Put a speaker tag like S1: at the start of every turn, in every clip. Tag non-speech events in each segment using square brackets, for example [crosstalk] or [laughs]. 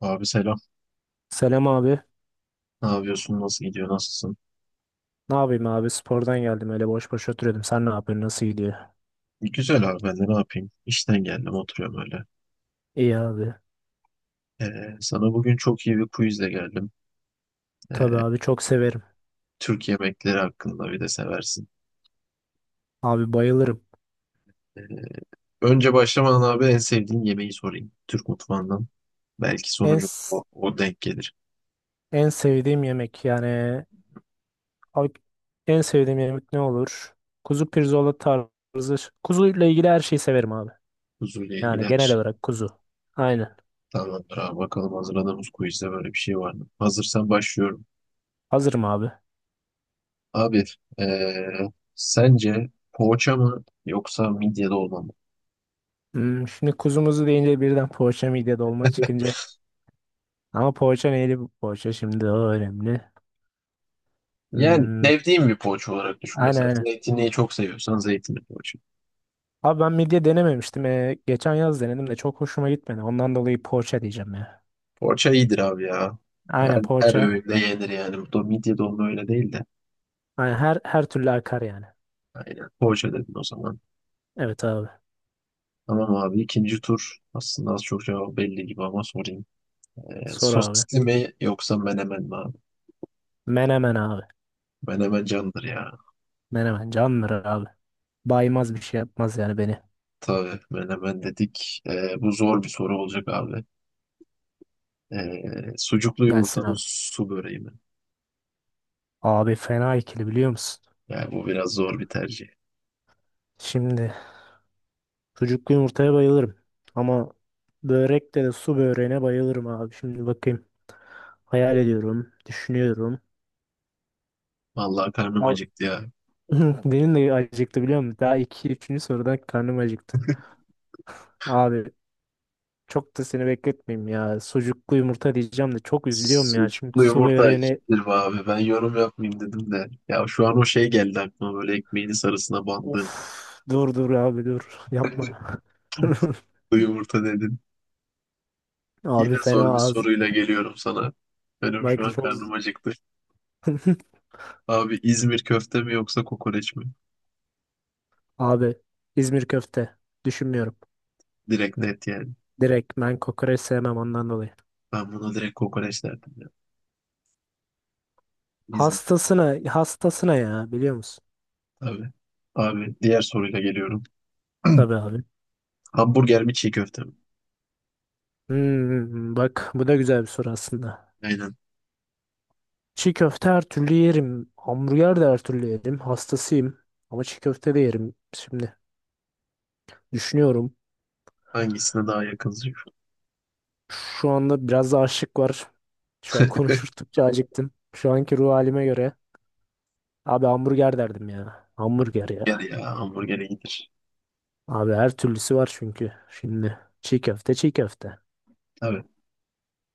S1: Abi selam.
S2: Selam abi.
S1: Ne yapıyorsun? Nasıl gidiyor? Nasılsın?
S2: Ne yapayım abi? Spordan geldim öyle boş boş oturuyordum. Sen ne yapıyorsun? Nasıl gidiyor?
S1: Güzel abi, ben de ne yapayım? İşten geldim, oturuyorum öyle.
S2: İyi abi.
S1: Sana bugün çok iyi bir quizle geldim.
S2: Tabii
S1: Ee,
S2: abi çok severim.
S1: Türk yemekleri hakkında bir de seversin.
S2: Abi bayılırım.
S1: Ee, Önce başlamadan abi, en sevdiğin yemeği sorayım. Türk mutfağından. Belki
S2: En
S1: sonucu
S2: s-
S1: o denk gelir.
S2: en sevdiğim yemek yani abi, en sevdiğim yemek ne olur? Kuzu pirzola tarzı. Kuzuyla ilgili her şeyi severim abi.
S1: Huzurlu
S2: Yani genel
S1: ilgilenir.
S2: olarak kuzu. Aynen.
S1: Tamamdır abi, bakalım hazırladığımız quizde böyle bir şey var mı? Hazırsan başlıyorum.
S2: Hazırım abi.
S1: Abi, ee, sence poğaça mı yoksa midye dolma mı?
S2: Hmm, şimdi kuzumuzu deyince birden poğaça midye dolma
S1: [laughs]
S2: çıkınca. Ama poğaça neydi bu poğaça şimdi o önemli.
S1: Yani
S2: Hmm,
S1: sevdiğim bir poğaça olarak düşün mesela.
S2: aynen aynen.
S1: Zeytinliği çok seviyorsan zeytinli poğaça.
S2: Abi ben midye denememiştim. Geçen yaz denedim de çok hoşuma gitmedi. Ondan dolayı poğaça diyeceğim ya.
S1: Poğaça iyidir abi ya.
S2: Aynen
S1: Her, her
S2: poğaça.
S1: öğünde yenir yani. Bu da midye dolma öyle değil de.
S2: Aynen her türlü akar yani.
S1: Aynen. Poğaça dedin o zaman.
S2: Evet abi.
S1: Tamam abi, ikinci tur. Aslında az çok cevabı belli gibi ama sorayım.
S2: Sor abi.
S1: Sosisli mi yoksa menemen mi abi?
S2: Menemen abi.
S1: Menemen candır ya.
S2: Menemen candır abi. Baymaz bir şey yapmaz yani beni.
S1: Tabii, menemen dedik. Bu zor bir soru olacak abi. Ee, Sucuklu yumurta
S2: Gelsin
S1: mı
S2: abi.
S1: su böreği mi?
S2: Abi fena ikili biliyor musun?
S1: Yani bu biraz zor bir tercih.
S2: Şimdi sucuklu yumurtaya bayılırım. Ama börekte de su böreğine bayılırım abi. Şimdi bakayım. Hayal ediyorum. Düşünüyorum.
S1: Vallahi karnım
S2: Al-
S1: acıktı ya.
S2: [laughs] Benim de acıktı biliyor musun? Daha iki, üçüncü sorudan karnım acıktı. Abi çok da seni bekletmeyeyim ya. Sucuklu yumurta diyeceğim de çok üzülüyorum ya. Şimdi
S1: Sucuklu
S2: su
S1: yumurta
S2: böreğini
S1: iyidir be abi. Ben yorum yapmayayım dedim de. Ya şu an o şey geldi aklıma, böyle ekmeğini sarısına
S2: uf,
S1: bandığım.
S2: dur abi dur. Yapma.
S1: [laughs]
S2: [laughs]
S1: Sucuklu yumurta dedin. Yine
S2: Abi fena
S1: zor bir
S2: ağız.
S1: soruyla geliyorum sana. Benim şu
S2: Bak
S1: an
S2: çok z-
S1: karnım acıktı.
S2: [laughs]
S1: Abi, İzmir köfte mi yoksa kokoreç mi?
S2: Abi İzmir köfte düşünmüyorum.
S1: Direkt net yani.
S2: Direkt ben kokoreç sevmem ondan dolayı.
S1: Ben buna direkt kokoreç derdim ya. İzmir
S2: Hastasına hastasına ya biliyor musun?
S1: tabii. Abi diğer soruyla geliyorum.
S2: Tabii abi.
S1: [clears throat] Hamburger mi çiğ köfte mi?
S2: Hmm, bak bu da güzel bir soru aslında.
S1: Aynen.
S2: Çiğ köfte her türlü yerim. Hamburger de her türlü yerim. Hastasıyım. Ama çiğ köfte de yerim. Şimdi düşünüyorum.
S1: Hangisine daha yakınsın?
S2: Şu anda biraz da açlık var. Şu an [laughs]
S1: [laughs]
S2: konuştukça acıktım. Şu anki ruh halime göre. Abi hamburger derdim ya. Hamburger
S1: Gel
S2: ya.
S1: ya, hamburger iyidir.
S2: Abi her türlüsü var çünkü. Şimdi çiğ köfte.
S1: Tabii.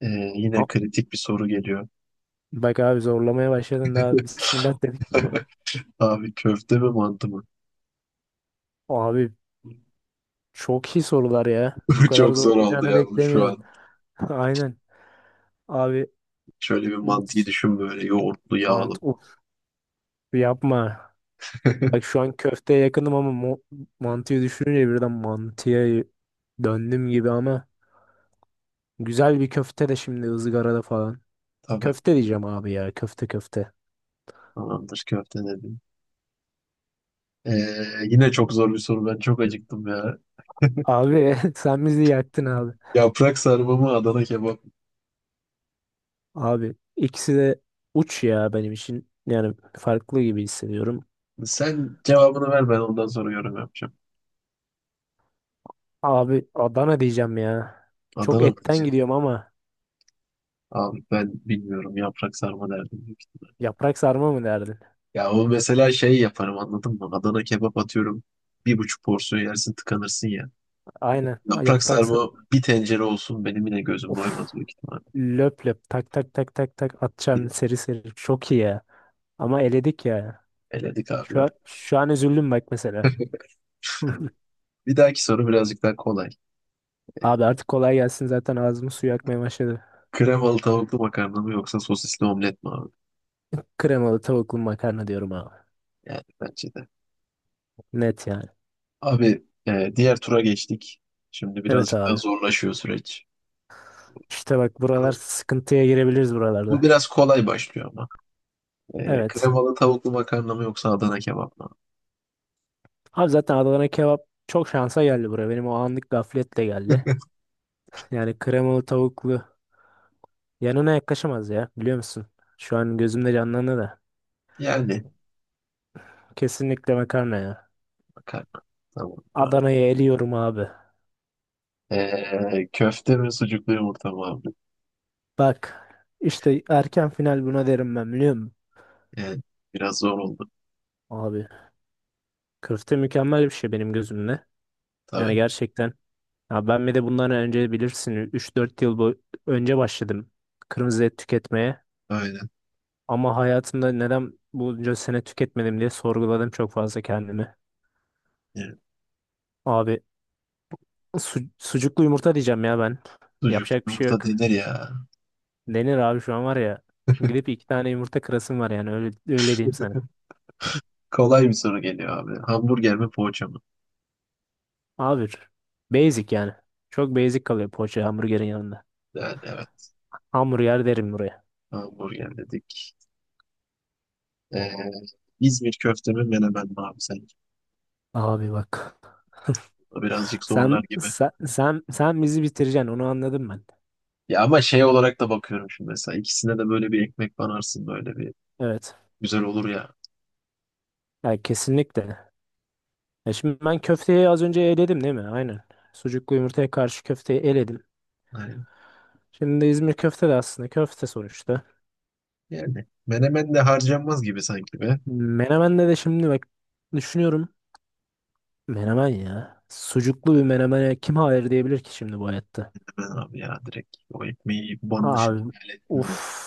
S1: Ee, Yine
S2: A-
S1: kritik bir soru geliyor.
S2: Bak abi zorlamaya başladın daha. Bismillah dedik.
S1: Abi, köfte mi mantı mı?
S2: Abi çok iyi sorular ya. Bu
S1: [laughs]
S2: kadar
S1: Çok
S2: zor
S1: zor oldu
S2: olacağını
S1: yalnız şu
S2: beklemiyordum.
S1: an.
S2: [laughs] Aynen. Abi
S1: Şöyle bir
S2: mantı
S1: mantıyı düşün, böyle yoğurtlu yağlı.
S2: uf yapma.
S1: [laughs]
S2: Bak şu an köfteye yakınım ama mantıyı düşününce birden mantıya döndüm gibi ama güzel bir köfte de şimdi ızgarada falan.
S1: Tabii.
S2: Köfte diyeceğim abi ya. Köfte.
S1: Tamamdır, köfte dedim. Ee, Yine çok zor bir soru. Ben çok acıktım ya.
S2: Abi [laughs] sen bizi yaktın abi.
S1: Yaprak sarma mı Adana kebap mı?
S2: Abi ikisi de uç ya benim için. Yani farklı gibi hissediyorum.
S1: Sen cevabını ver, ben ondan sonra yorum yapacağım.
S2: Abi Adana diyeceğim ya. Çok
S1: Adana mı
S2: etten
S1: diyeceğim?
S2: gidiyorum ama
S1: Abi ben bilmiyorum, yaprak sarma derdim büyük ihtimal.
S2: yaprak sarma mı derdin?
S1: Ya o mesela şey yaparım, anladın mı? Adana kebap atıyorum. Bir buçuk porsiyon yersin, tıkanırsın ya.
S2: Aynen. Ha,
S1: Yaprak
S2: yaprak
S1: sarma
S2: sarma.
S1: bir tencere olsun, benim yine gözüm
S2: Of.
S1: doymaz büyük ihtimalle.
S2: Löp löp tak tak tak tak tak
S1: Bir de
S2: atacağım seri seri. Çok iyi ya. Ama eledik ya.
S1: eledik abi
S2: Şu
S1: ya.
S2: an, şu an üzüldüm bak mesela. [laughs]
S1: Bir dahaki soru birazcık daha kolay. Ee,
S2: Abi artık kolay gelsin zaten ağzımı suyu akmaya başladı.
S1: Kremalı tavuklu makarna mı yoksa sosisli omlet mi abi?
S2: Kremalı tavuklu makarna diyorum abi.
S1: Yani bence de.
S2: Net yani.
S1: Abi diğer tura geçtik. Şimdi
S2: Evet
S1: birazcık daha
S2: abi.
S1: zorlaşıyor süreç.
S2: İşte bak buralar sıkıntıya girebiliriz
S1: Bu
S2: buralarda.
S1: biraz kolay başlıyor ama.
S2: Evet.
S1: Kremalı tavuklu makarna mı yoksa Adana kebap mı?
S2: Abi zaten Adana kebap çok şansa geldi buraya. Benim o anlık gafletle geldi.
S1: [laughs]
S2: Yani kremalı tavuklu yanına yaklaşamaz ya biliyor musun? Şu an gözümde canlandı da.
S1: Yani
S2: Kesinlikle makarna ya.
S1: makarna. Tamam, tamam.
S2: Adana'yı eliyorum abi.
S1: Köfte mi sucuklu yumurta mı abi?
S2: Bak işte erken final buna derim ben biliyor musun?
S1: Yani biraz zor oldu.
S2: Abi köfte mükemmel bir şey benim gözümde. Yani
S1: Tabii.
S2: gerçekten ya ben bir de bundan önce bilirsin üç dört yıl bu önce başladım kırmızı et tüketmeye.
S1: Aynen.
S2: Ama hayatımda neden bunca sene tüketmedim diye sorguladım çok fazla kendimi.
S1: Yani
S2: Abi sucuklu yumurta diyeceğim ya ben.
S1: sucuk
S2: Yapacak bir şey
S1: yumurta
S2: yok.
S1: denir ya.
S2: Denir abi şu an var ya. Gidip iki tane yumurta kırasım var yani öyle diyeyim sana.
S1: Kolay bir soru geliyor abi. Hamburger mi poğaça mı?
S2: Abi basic yani. Çok basic kalıyor poğaça hamburgerin yanında.
S1: Yani evet.
S2: Hamburger derim buraya.
S1: Hamburger dedik. Ee, İzmir köfte mi menemen mi abi sen?
S2: Abi bak. [laughs]
S1: Bu birazcık
S2: Sen,
S1: zorlar gibi.
S2: sen sen sen bizi bitireceksin onu anladım ben.
S1: Ya ama şey olarak da bakıyorum şimdi mesela. İkisine de böyle bir ekmek banarsın böyle bir.
S2: Evet.
S1: Güzel olur ya.
S2: Yani kesinlikle. Ya şimdi ben köfteyi az önce eledim değil mi? Aynen. Sucuklu yumurtaya karşı köfteyi eledim.
S1: Hani,
S2: Şimdi İzmir köfte de aslında köfte sonuçta.
S1: yani menemen de harcanmaz gibi sanki be.
S2: Menemen'de de şimdi bak düşünüyorum. Menemen ya. Sucuklu bir menemene kim hayır diyebilir ki şimdi bu hayatta?
S1: Hemen abi ya, direkt o ekmeği banmışını
S2: Abi
S1: hayal ettim ya.
S2: uff.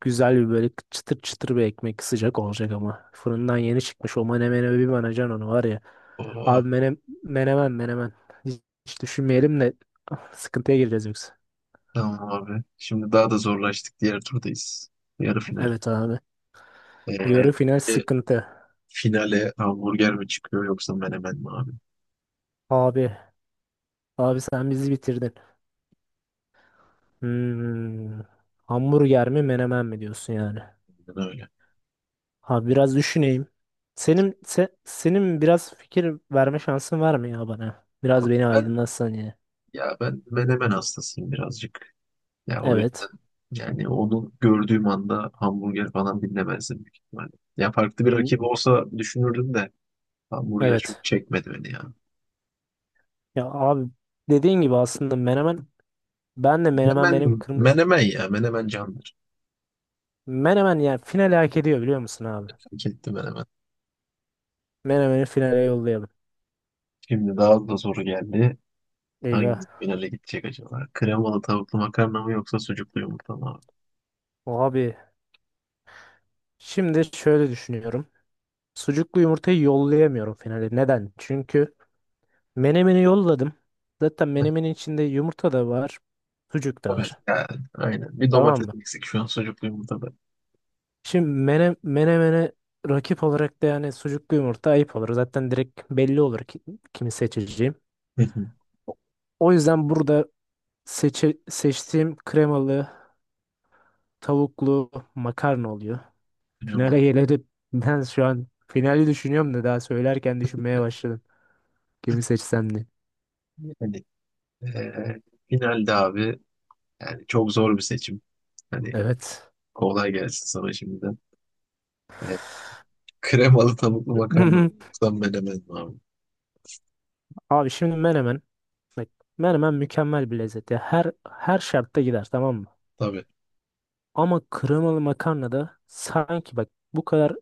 S2: Güzel bir böyle çıtır çıtır bir ekmek sıcak olacak ama. Fırından yeni çıkmış o menemene bir banacan onu var ya.
S1: Oh,
S2: Abi menemen menemen. Hiç düşünmeyelim de ah, sıkıntıya gireceğiz yoksa.
S1: tamam abi. Şimdi daha da zorlaştık. Diğer turdayız. Yarı final.
S2: Evet abi. Yarı final
S1: Ee,
S2: sıkıntı.
S1: Finale hamburger mi çıkıyor yoksa menemen mi abi?
S2: Abi. Abi sen bizi bitirdin. Hmm. Hamburger mi menemen mi diyorsun yani?
S1: Aynen öyle.
S2: Abi biraz düşüneyim. Senin biraz fikir verme şansın var mı ya bana? Biraz
S1: Abi
S2: beni
S1: ben,
S2: aydınlatsan ya.
S1: ya ben menemen hastasıyım birazcık. Ya o yüzden
S2: Evet.
S1: yani onu gördüğüm anda hamburger falan dinlemezdim büyük ihtimalle. Ya farklı bir
S2: Bu-
S1: rakip olsa düşünürdüm de hamburger çok
S2: Evet.
S1: çekmedi beni ya.
S2: Ya abi dediğin gibi aslında menemen ben de menemen benim kırmızı
S1: Menemen ya, menemen candır.
S2: menemen yani finale hak ediyor biliyor musun abi?
S1: Hak etti menemen.
S2: Menemen'i finale yollayalım.
S1: Şimdi daha da soru geldi.
S2: Eyvah.
S1: Hangi finale gidecek acaba? Kremalı tavuklu makarna mı yoksa sucuklu yumurta mı abi?
S2: Abi şimdi şöyle düşünüyorum. Sucuklu yumurtayı yollayamıyorum finale. Neden? Çünkü menemeni yolladım. Zaten
S1: [laughs] Heh,
S2: menemenin içinde yumurta da var, sucuk da
S1: evet
S2: var.
S1: yani, aynen. Bir
S2: Tamam
S1: domates
S2: mı?
S1: eksik şu an sucuklu yumurta.
S2: Şimdi menemene rakip olarak da yani sucuklu yumurta ayıp olur. Zaten direkt belli olur ki, kimi seçeceğim.
S1: Hı hı,
S2: O o yüzden burada seçtiğim kremalı, tavuklu makarna oluyor.
S1: kremalı.
S2: Finale gelelim. Ben şu an finali düşünüyorum da daha söylerken düşünmeye başladım. Kimi seçsem diye.
S1: Hani, eee, finalde abi yani çok zor bir seçim. Hani
S2: Evet.
S1: kolay gelsin sana şimdiden. Eee, Kremalı tavuklu makarna mı
S2: [laughs]
S1: yoksa menemen mi abi?
S2: Abi şimdi menemen, bak, menemen mükemmel bir lezzet ya. Her şartta gider tamam mı?
S1: Tabii.
S2: Ama kremalı makarna da sanki bak bu kadar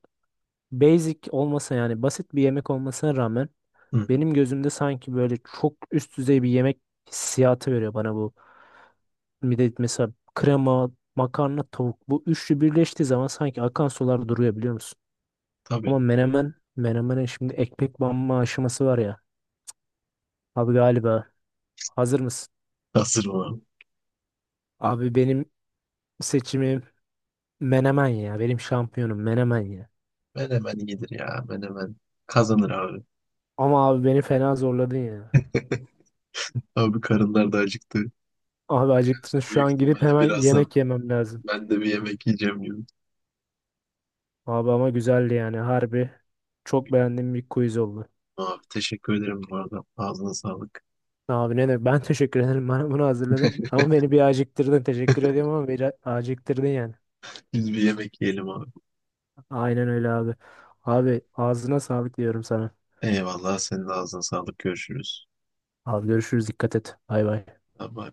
S2: basic olmasa yani basit bir yemek olmasına rağmen
S1: Hı hı,
S2: benim gözümde sanki böyle çok üst düzey bir yemek hissiyatı veriyor bana bu. Bir de mesela krema, makarna, tavuk bu üçlü birleştiği zaman sanki akan sular duruyor biliyor musun?
S1: tabii.
S2: Ama menemen, menemenin şimdi ekmek banma aşaması var ya. Abi galiba hazır mısın?
S1: Hazır mı abi?
S2: Abi benim seçimim menemen ya. Benim şampiyonum menemen ya.
S1: Menemen iyidir ya. Menemen kazanır abi.
S2: Ama abi beni fena zorladın ya.
S1: Abi karınlar da acıktı.
S2: Abi acıktın. Şu
S1: Büyük
S2: an gidip
S1: ihtimalle
S2: hemen
S1: birazdan
S2: yemek yemem lazım.
S1: ben de bir yemek yiyeceğim gibi.
S2: Abi ama güzeldi yani. Harbi çok beğendiğim bir quiz oldu.
S1: Abi teşekkür ederim bu arada. Ağzına sağlık.
S2: Abi ne demek? Ben [laughs] teşekkür ederim. Bana bunu hazırladın. Ama beni bir acıktırdın. Teşekkür ediyorum ama beni acıktırdın yani.
S1: Biz bir yemek yiyelim abi.
S2: Aynen öyle abi. Abi ağzına sağlık diyorum sana.
S1: Eyvallah, senin de ağzına sağlık. Görüşürüz.
S2: Abi görüşürüz. Dikkat et. Bay bay.
S1: Bye bye.